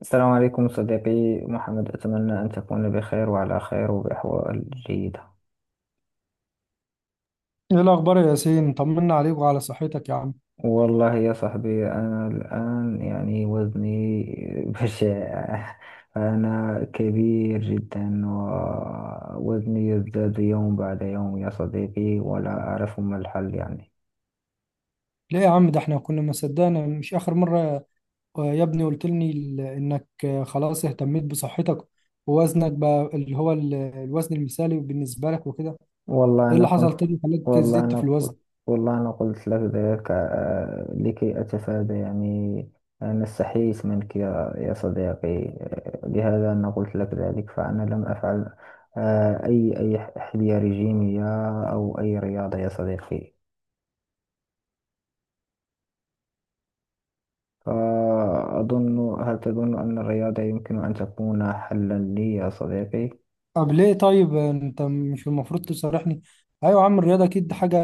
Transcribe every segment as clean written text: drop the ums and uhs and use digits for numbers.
السلام عليكم صديقي محمد، أتمنى أن تكون بخير وعلى خير وبأحوال جيدة. ايه الاخبار يا ياسين؟ طمنا عليك وعلى صحتك يا عم. والله يا صاحبي، أنا الآن وزني بشع. أنا كبير جدا ووزني يزداد يوم بعد يوم يا صديقي، ولا أعرف ما الحل. ليه يا عم؟ ده احنا كنا ما صدقنا، مش اخر مره يا ابني قلت لي انك خلاص اهتميت بصحتك ووزنك بقى اللي هو الوزن المثالي بالنسبه لك وكده. والله ايه أنا اللي حصل كنت تاني خلاك والله زدت في أنا الوزن؟ قلت والله أنا قلت لك ذلك لكي أتفادى أنا استحييت منك، يا صديقي. لهذا أنا قلت لك ذلك، فأنا لم أفعل أي حمية رجيمية أو أي رياضة يا صديقي. هل تظن أن الرياضة يمكن أن تكون حلا لي يا صديقي؟ طب ليه؟ طيب انت مش المفروض تصارحني؟ ايوه يا عم، الرياضه اكيد حاجه،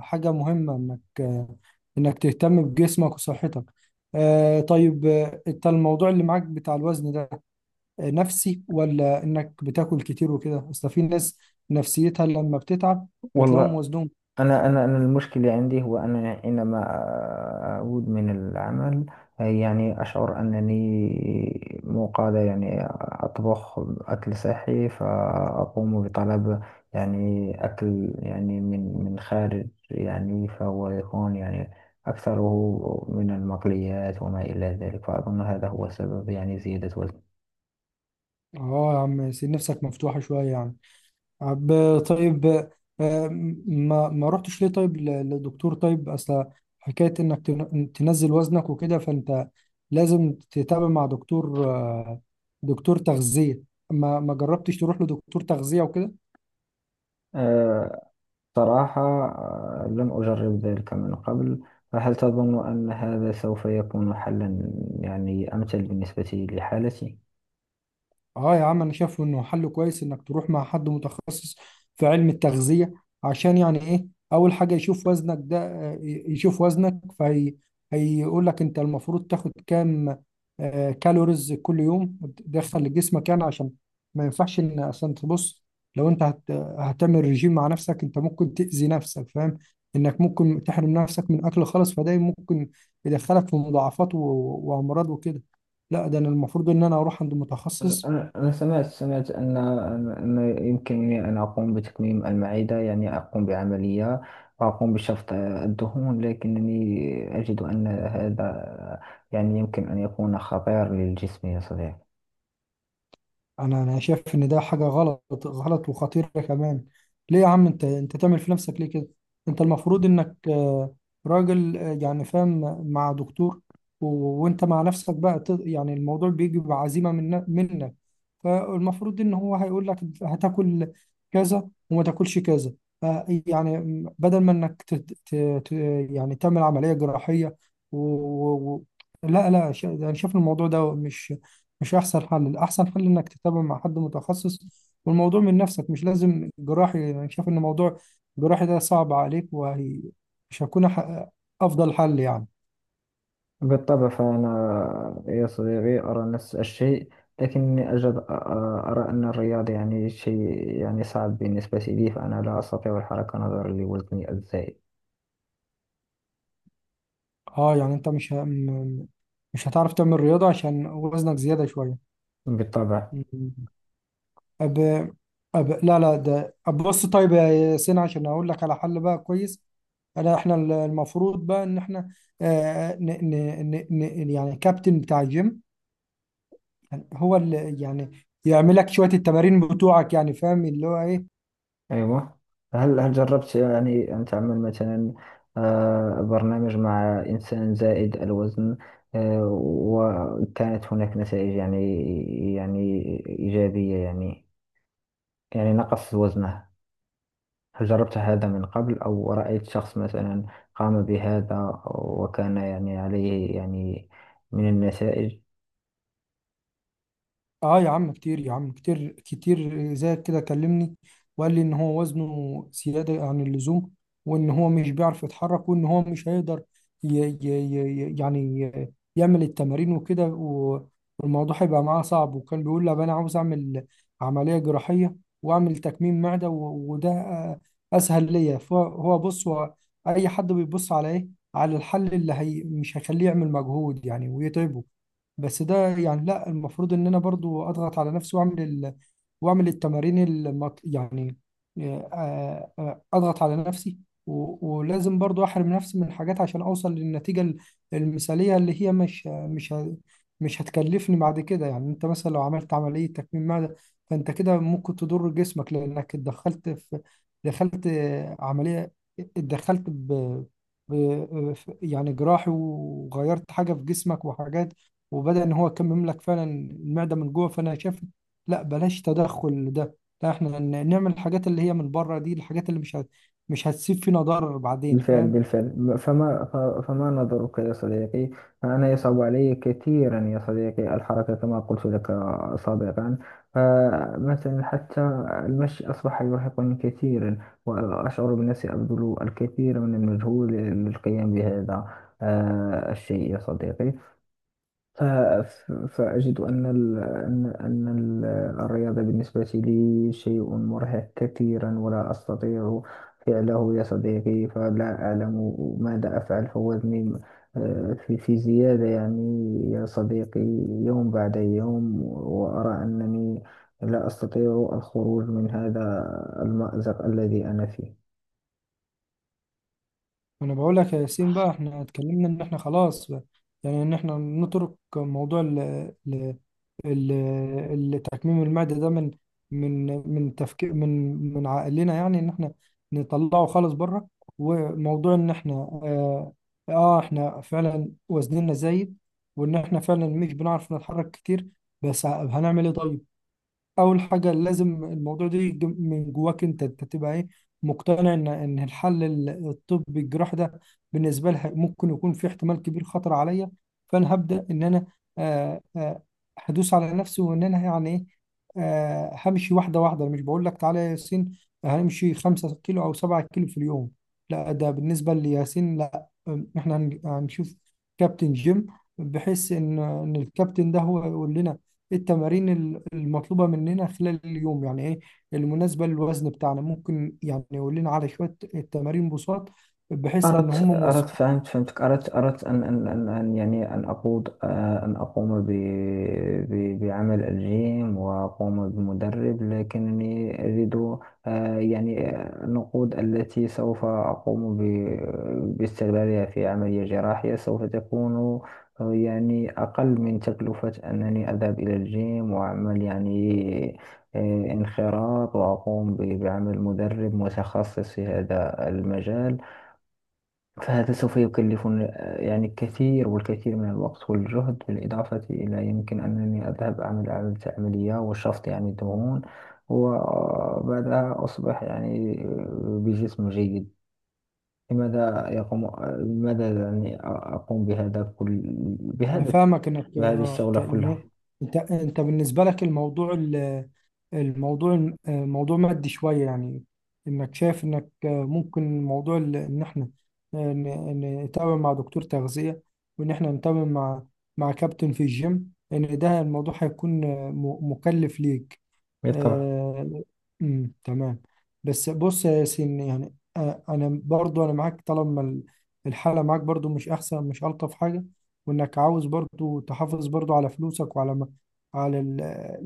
حاجه مهمه انك انك تهتم بجسمك وصحتك. آه طيب، انت الموضوع اللي معاك بتاع الوزن ده نفسي، ولا انك بتاكل كتير وكده؟ اصل في ناس نفسيتها لما بتتعب بتلاقيهم والله، وزنهم. أنا المشكلة عندي هو أنا حينما أعود من العمل أشعر أنني مو قادر أطبخ أكل صحي، فأقوم بطلب أكل من خارج. فهو يكون أكثره من المقليات وما إلى ذلك، فأظن هذا هو سبب زيادة اه يا عم، سيب نفسك مفتوحة شوية يعني. طب طيب، آه، ما رحتش ليه طيب لدكتور؟ طيب اصل حكاية انك تنزل وزنك وكده، فانت لازم تتابع مع دكتور، دكتور تغذية. ما جربتش تروح لدكتور تغذية وكده؟ وزن. صراحة لم أجرب ذلك من قبل، فهل تظن أن هذا سوف يكون حلا أمثل بالنسبة لحالتي؟ اه يا عم، انا شايف انه حل كويس انك تروح مع حد متخصص في علم التغذية، عشان يعني ايه؟ اول حاجة يشوف وزنك ده، يشوف وزنك فهي هيقول لك انت المفروض تاخد كام كالوريز كل يوم تدخل لجسمك، يعني عشان ما ينفعش ان عشان تبص، لو انت هتعمل رجيم مع نفسك انت ممكن تأذي نفسك، فاهم؟ انك ممكن تحرم نفسك من اكل خالص، فده ممكن يدخلك في وامراض وكده. لا ده انا المفروض ان انا اروح عند متخصص. أنا سمعت أن يمكنني أن أقوم بتكميم المعدة، أقوم بعملية وأقوم بشفط الدهون، لكنني أجد أن هذا يمكن أن يكون خطير للجسم يا صديقي. انا شايف ان ده حاجه غلط وخطيره كمان. ليه يا عم؟ انت تعمل في نفسك ليه كده؟ انت المفروض انك راجل يعني فاهم، مع دكتور، وانت مع نفسك بقى يعني الموضوع بيجي بعزيمه منك. فالمفروض ان هو هيقول لك هتاكل كذا وما تاكلش كذا، يعني بدل ما انك ت... يعني تعمل عملية جراحية و... و... و- لا لا، انا شايف الموضوع ده مش احسن حل. الاحسن حل انك تتابع مع حد متخصص، والموضوع من نفسك مش لازم جراحي. يعني انا شايف ان موضوع الجراحي ده صعب عليك، وهي مش هيكون افضل حل يعني. بالطبع، فأنا يا صديقي أرى نفس الشيء، لكني أرى أن الرياضة شيء صعب بالنسبة لي، فأنا لا أستطيع الحركة نظرا لوزني الزائد. اه يعني انت مش مش هتعرف تعمل رياضة عشان وزنك زيادة بالطبع. شوية؟ أب... لا لا، ده أب بص طيب يا ياسين، عشان أقول لك على حل بقى كويس. إحنا المفروض بقى إن إحنا آه ن... ن... يعني كابتن بتاع الجيم هو اللي يعني يعمل لك شوية التمارين بتوعك، يعني فاهم اللي هو إيه؟ أيوة، هل جربت أن تعمل مثلا برنامج مع إنسان زائد الوزن وكانت هناك نتائج يعني إيجابية، نقص وزنه؟ هل جربت هذا من قبل، أو رأيت شخص مثلا قام بهذا وكان عليه من النتائج؟ اه يا عم كتير، يا عم كتير زي كده كلمني وقال لي ان هو وزنه زيادة عن اللزوم، وان هو مش بيعرف يتحرك، وان هو مش هيقدر يعمل التمارين وكده والموضوع هيبقى معاه صعب. وكان بيقول لي "أب انا عاوز اعمل عملية جراحية واعمل تكميم معدة وده اسهل ليا". فهو بص، هو اي حد بيبص على ايه؟ على الحل اللي هي مش هيخليه يعمل مجهود يعني ويتعبه. بس ده يعني لا، المفروض ان انا برضو اضغط على نفسي، واعمل واعمل التمارين يعني اضغط على نفسي، ولازم برضو احرم نفسي من حاجات عشان اوصل للنتيجة المثالية، اللي هي مش هتكلفني بعد كده. يعني انت مثلا لو عملت عملية تكميم معدة فانت كده ممكن تضر جسمك، لانك اتدخلت في، دخلت عملية، اتدخلت ب... ب... آه، يعني جراحي، وغيرت حاجة في جسمك وحاجات، وبدأ إن هو كان يملك فعلا المعدة من جوه. فأنا شايف لا، بلاش تدخل ده. لا، إحنا نعمل الحاجات اللي هي من بره دي، الحاجات اللي مش هتسيب فينا ضرر بعدين، بالفعل فاهم؟ بالفعل. فما نظرك يا صديقي؟ فأنا يصعب علي كثيرا يا صديقي الحركة، كما قلت لك سابقا. فمثلا حتى المشي أصبح يرهقني كثيرا، وأشعر بنفسي أبذل الكثير من المجهود للقيام بهذا الشيء يا صديقي. فأجد أن ال أن أن ال الرياضة بالنسبة لي شيء مرهق كثيرا، ولا أستطيع فعله يا صديقي، فلا أعلم ماذا أفعل. فوزني في زيادة يا صديقي يوم بعد يوم، وأرى أنني لا أستطيع الخروج من هذا المأزق الذي أنا فيه. أنا بقول لك يا ياسين، بقى إحنا اتكلمنا إن إحنا خلاص بقى، يعني إن إحنا نترك موضوع ال- تكميم المعدة ده من من من تفكير، من عقلنا، يعني ان احنا نطلعه خالص بره. وموضوع ان احنا احنا فعلا وزننا زايد، وان احنا فعلا مش بنعرف نتحرك كتير، بس هنعمل ايه طيب؟ اول حاجه لازم الموضوع ده يجي من جواك انت، انت تبقى ايه، مقتنع ان الحل الطبي الجراحي ده بالنسبه لها ممكن يكون في احتمال كبير خطر عليا. فانا هبدا ان انا آه آه هدوس على نفسي، وان انا يعني ايه همشي واحده واحده. أنا مش بقول لك تعالى يا ياسين هنمشي 5 كيلو او 7 كيلو في اليوم، لا. ده بالنسبه لياسين لا. احنا هنشوف كابتن جيم، بحيث ان الكابتن ده هو يقول لنا التمارين المطلوبة مننا خلال اليوم، يعني ايه المناسبة للوزن بتاعنا. ممكن يعني يقول لنا على شوية التمارين بساط، بحيث ان أردت هم. أردت فهمتك. أردت أردت أن أن أن أن أن أقود آه، أن أقوم ب ب بعمل الجيم وأقوم بمدرب، لكنني أجد النقود التي سوف أقوم باستغلالها في عملية جراحية سوف تكون أقل من تكلفة أنني أذهب إلى الجيم وأعمل انخراط وأقوم بعمل مدرب متخصص في هذا المجال. فهذا سوف يكلفني الكثير والكثير من الوقت والجهد، بالإضافة إلى يمكن أنني أذهب أعمل عملية وشفط دهون، وبعدها أصبح بجسم جيد. لماذا يقوم آه، لماذا أقوم بهذا كل انا بهذا فاهمك انك بهذه اه الشغلة كلها؟ يعني انت بالنسبه لك الموضوع الموضوع موضوع مادي شويه يعني، انك شايف انك ممكن موضوع ان احنا نتابع مع دكتور تغذيه، وان احنا نتابع مع كابتن في الجيم، ان ده الموضوع هيكون مكلف ليك. بالطبع. آه، أمم، تمام. بس بص يا ياسين، يعني انا برضو انا معاك طالما الحاله معاك برضو مش احسن، مش الطف حاجه، وانك عاوز برضو تحافظ برضو على فلوسك وعلى على ال...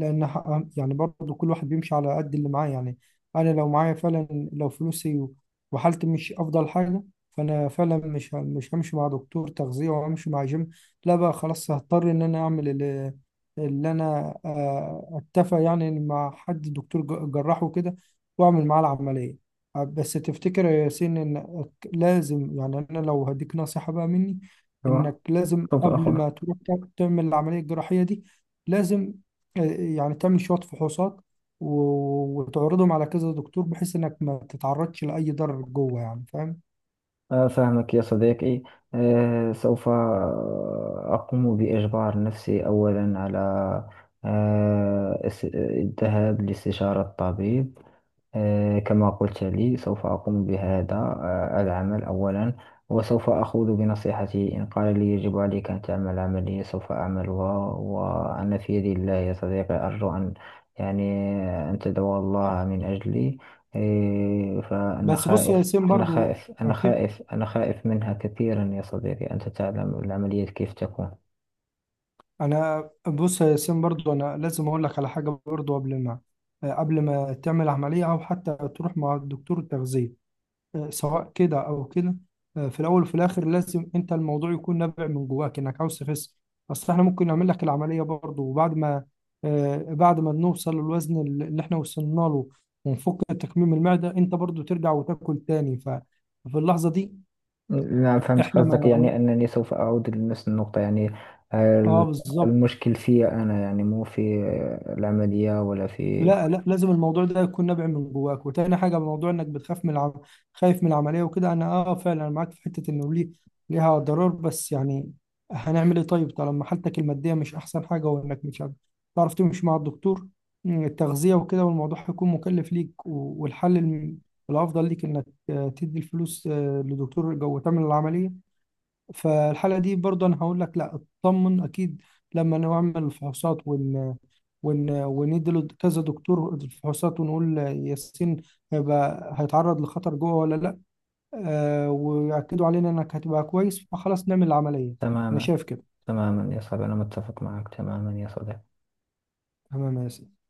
لان يعني برضو كل واحد بيمشي على قد اللي معاه يعني. انا لو معايا فعلا، لو فلوسي وحالتي مش افضل حاجه، فانا فعلا مش همشي مع دكتور تغذيه وهمشي مع جيم. لا بقى خلاص، هضطر ان انا اعمل اللي انا اتفق يعني مع حد دكتور جراح وكده، واعمل معاه العمليه. بس تفتكر يا ياسين ان لازم يعني انا لو هديك نصيحه بقى مني، هو انك لازم سوف قبل ما أخذها. تروح تعمل العمليه الجراحيه دي، لازم يعني تعمل شويه فحوصات وتعرضهم على كذا دكتور، بحيث انك ما تتعرضش لاي ضرر جوه، يعني فاهم؟ فاهمك يا صديقي. سوف أقوم بإجبار نفسي أولا على الذهاب لاستشارة طبيب. كما قلت لي، سوف أقوم بهذا العمل أولا، وسوف أخوض بنصيحته. إن قال لي يجب عليك أن تعمل عملية سوف أعملها، وأنا في يد الله يا صديقي. أرجو أن يعني أن تدعو الله من أجلي. فأنا بس بص يا خائف، ياسين أنا برضو، خائف آه، أنا في- خائف أنا خائف منها كثيرا يا صديقي، أنت تعلم العمليات كيف تكون. انا بص يا ياسين برضو، انا لازم اقول لك على حاجه برضو قبل ما قبل ما تعمل عمليه او حتى تروح مع الدكتور التغذيه، سواء كده او كده، في الاول وفي الاخر لازم انت الموضوع يكون نابع من جواك انك عاوز تخس. اصل احنا ممكن نعمل لك العمليه برضه، وبعد ما بعد ما نوصل للوزن اللي احنا وصلنا له ونفك تكميم المعده، انت برضه ترجع وتاكل تاني. ففي اللحظه دي نعم، فهمت احنا ما قصدك. عمل... أنني سوف أعود لنفس النقطة، اه ال- بالظبط. المشكل في أنا، مو في العملية ولا في... لا لا، لازم الموضوع ده يكون نابع من جواك. وتاني حاجه، موضوع انك خايف من العمليه وكده، انا اه فعلا أنا معاك في حته انه ليه، ليها ضرر، بس يعني هنعمل ايه طيب طالما حالتك الماديه مش احسن حاجه، وانك مش عارف- تعرف تمشي مع الدكتور التغذيه وكده، والموضوع هيكون مكلف ليك، والحل الافضل ليك انك تدي الفلوس لدكتور جو تعمل العمليه، فالحالة دي برضه أنا هقول لك لا، اطمن. أكيد لما نعمل الفحوصات ون ون وندي له كذا دكتور الفحوصات، ونقول ياسين هيبقى هيتعرض لخطر جوه ولا لا، آه ويأكدوا علينا إنك هتبقى كويس، فخلاص نعمل العملية. أنا تماما. شايف كده. تماما يا صاحبي، أنا متفق معك تماما يا صديقي. تمام يا ياسين.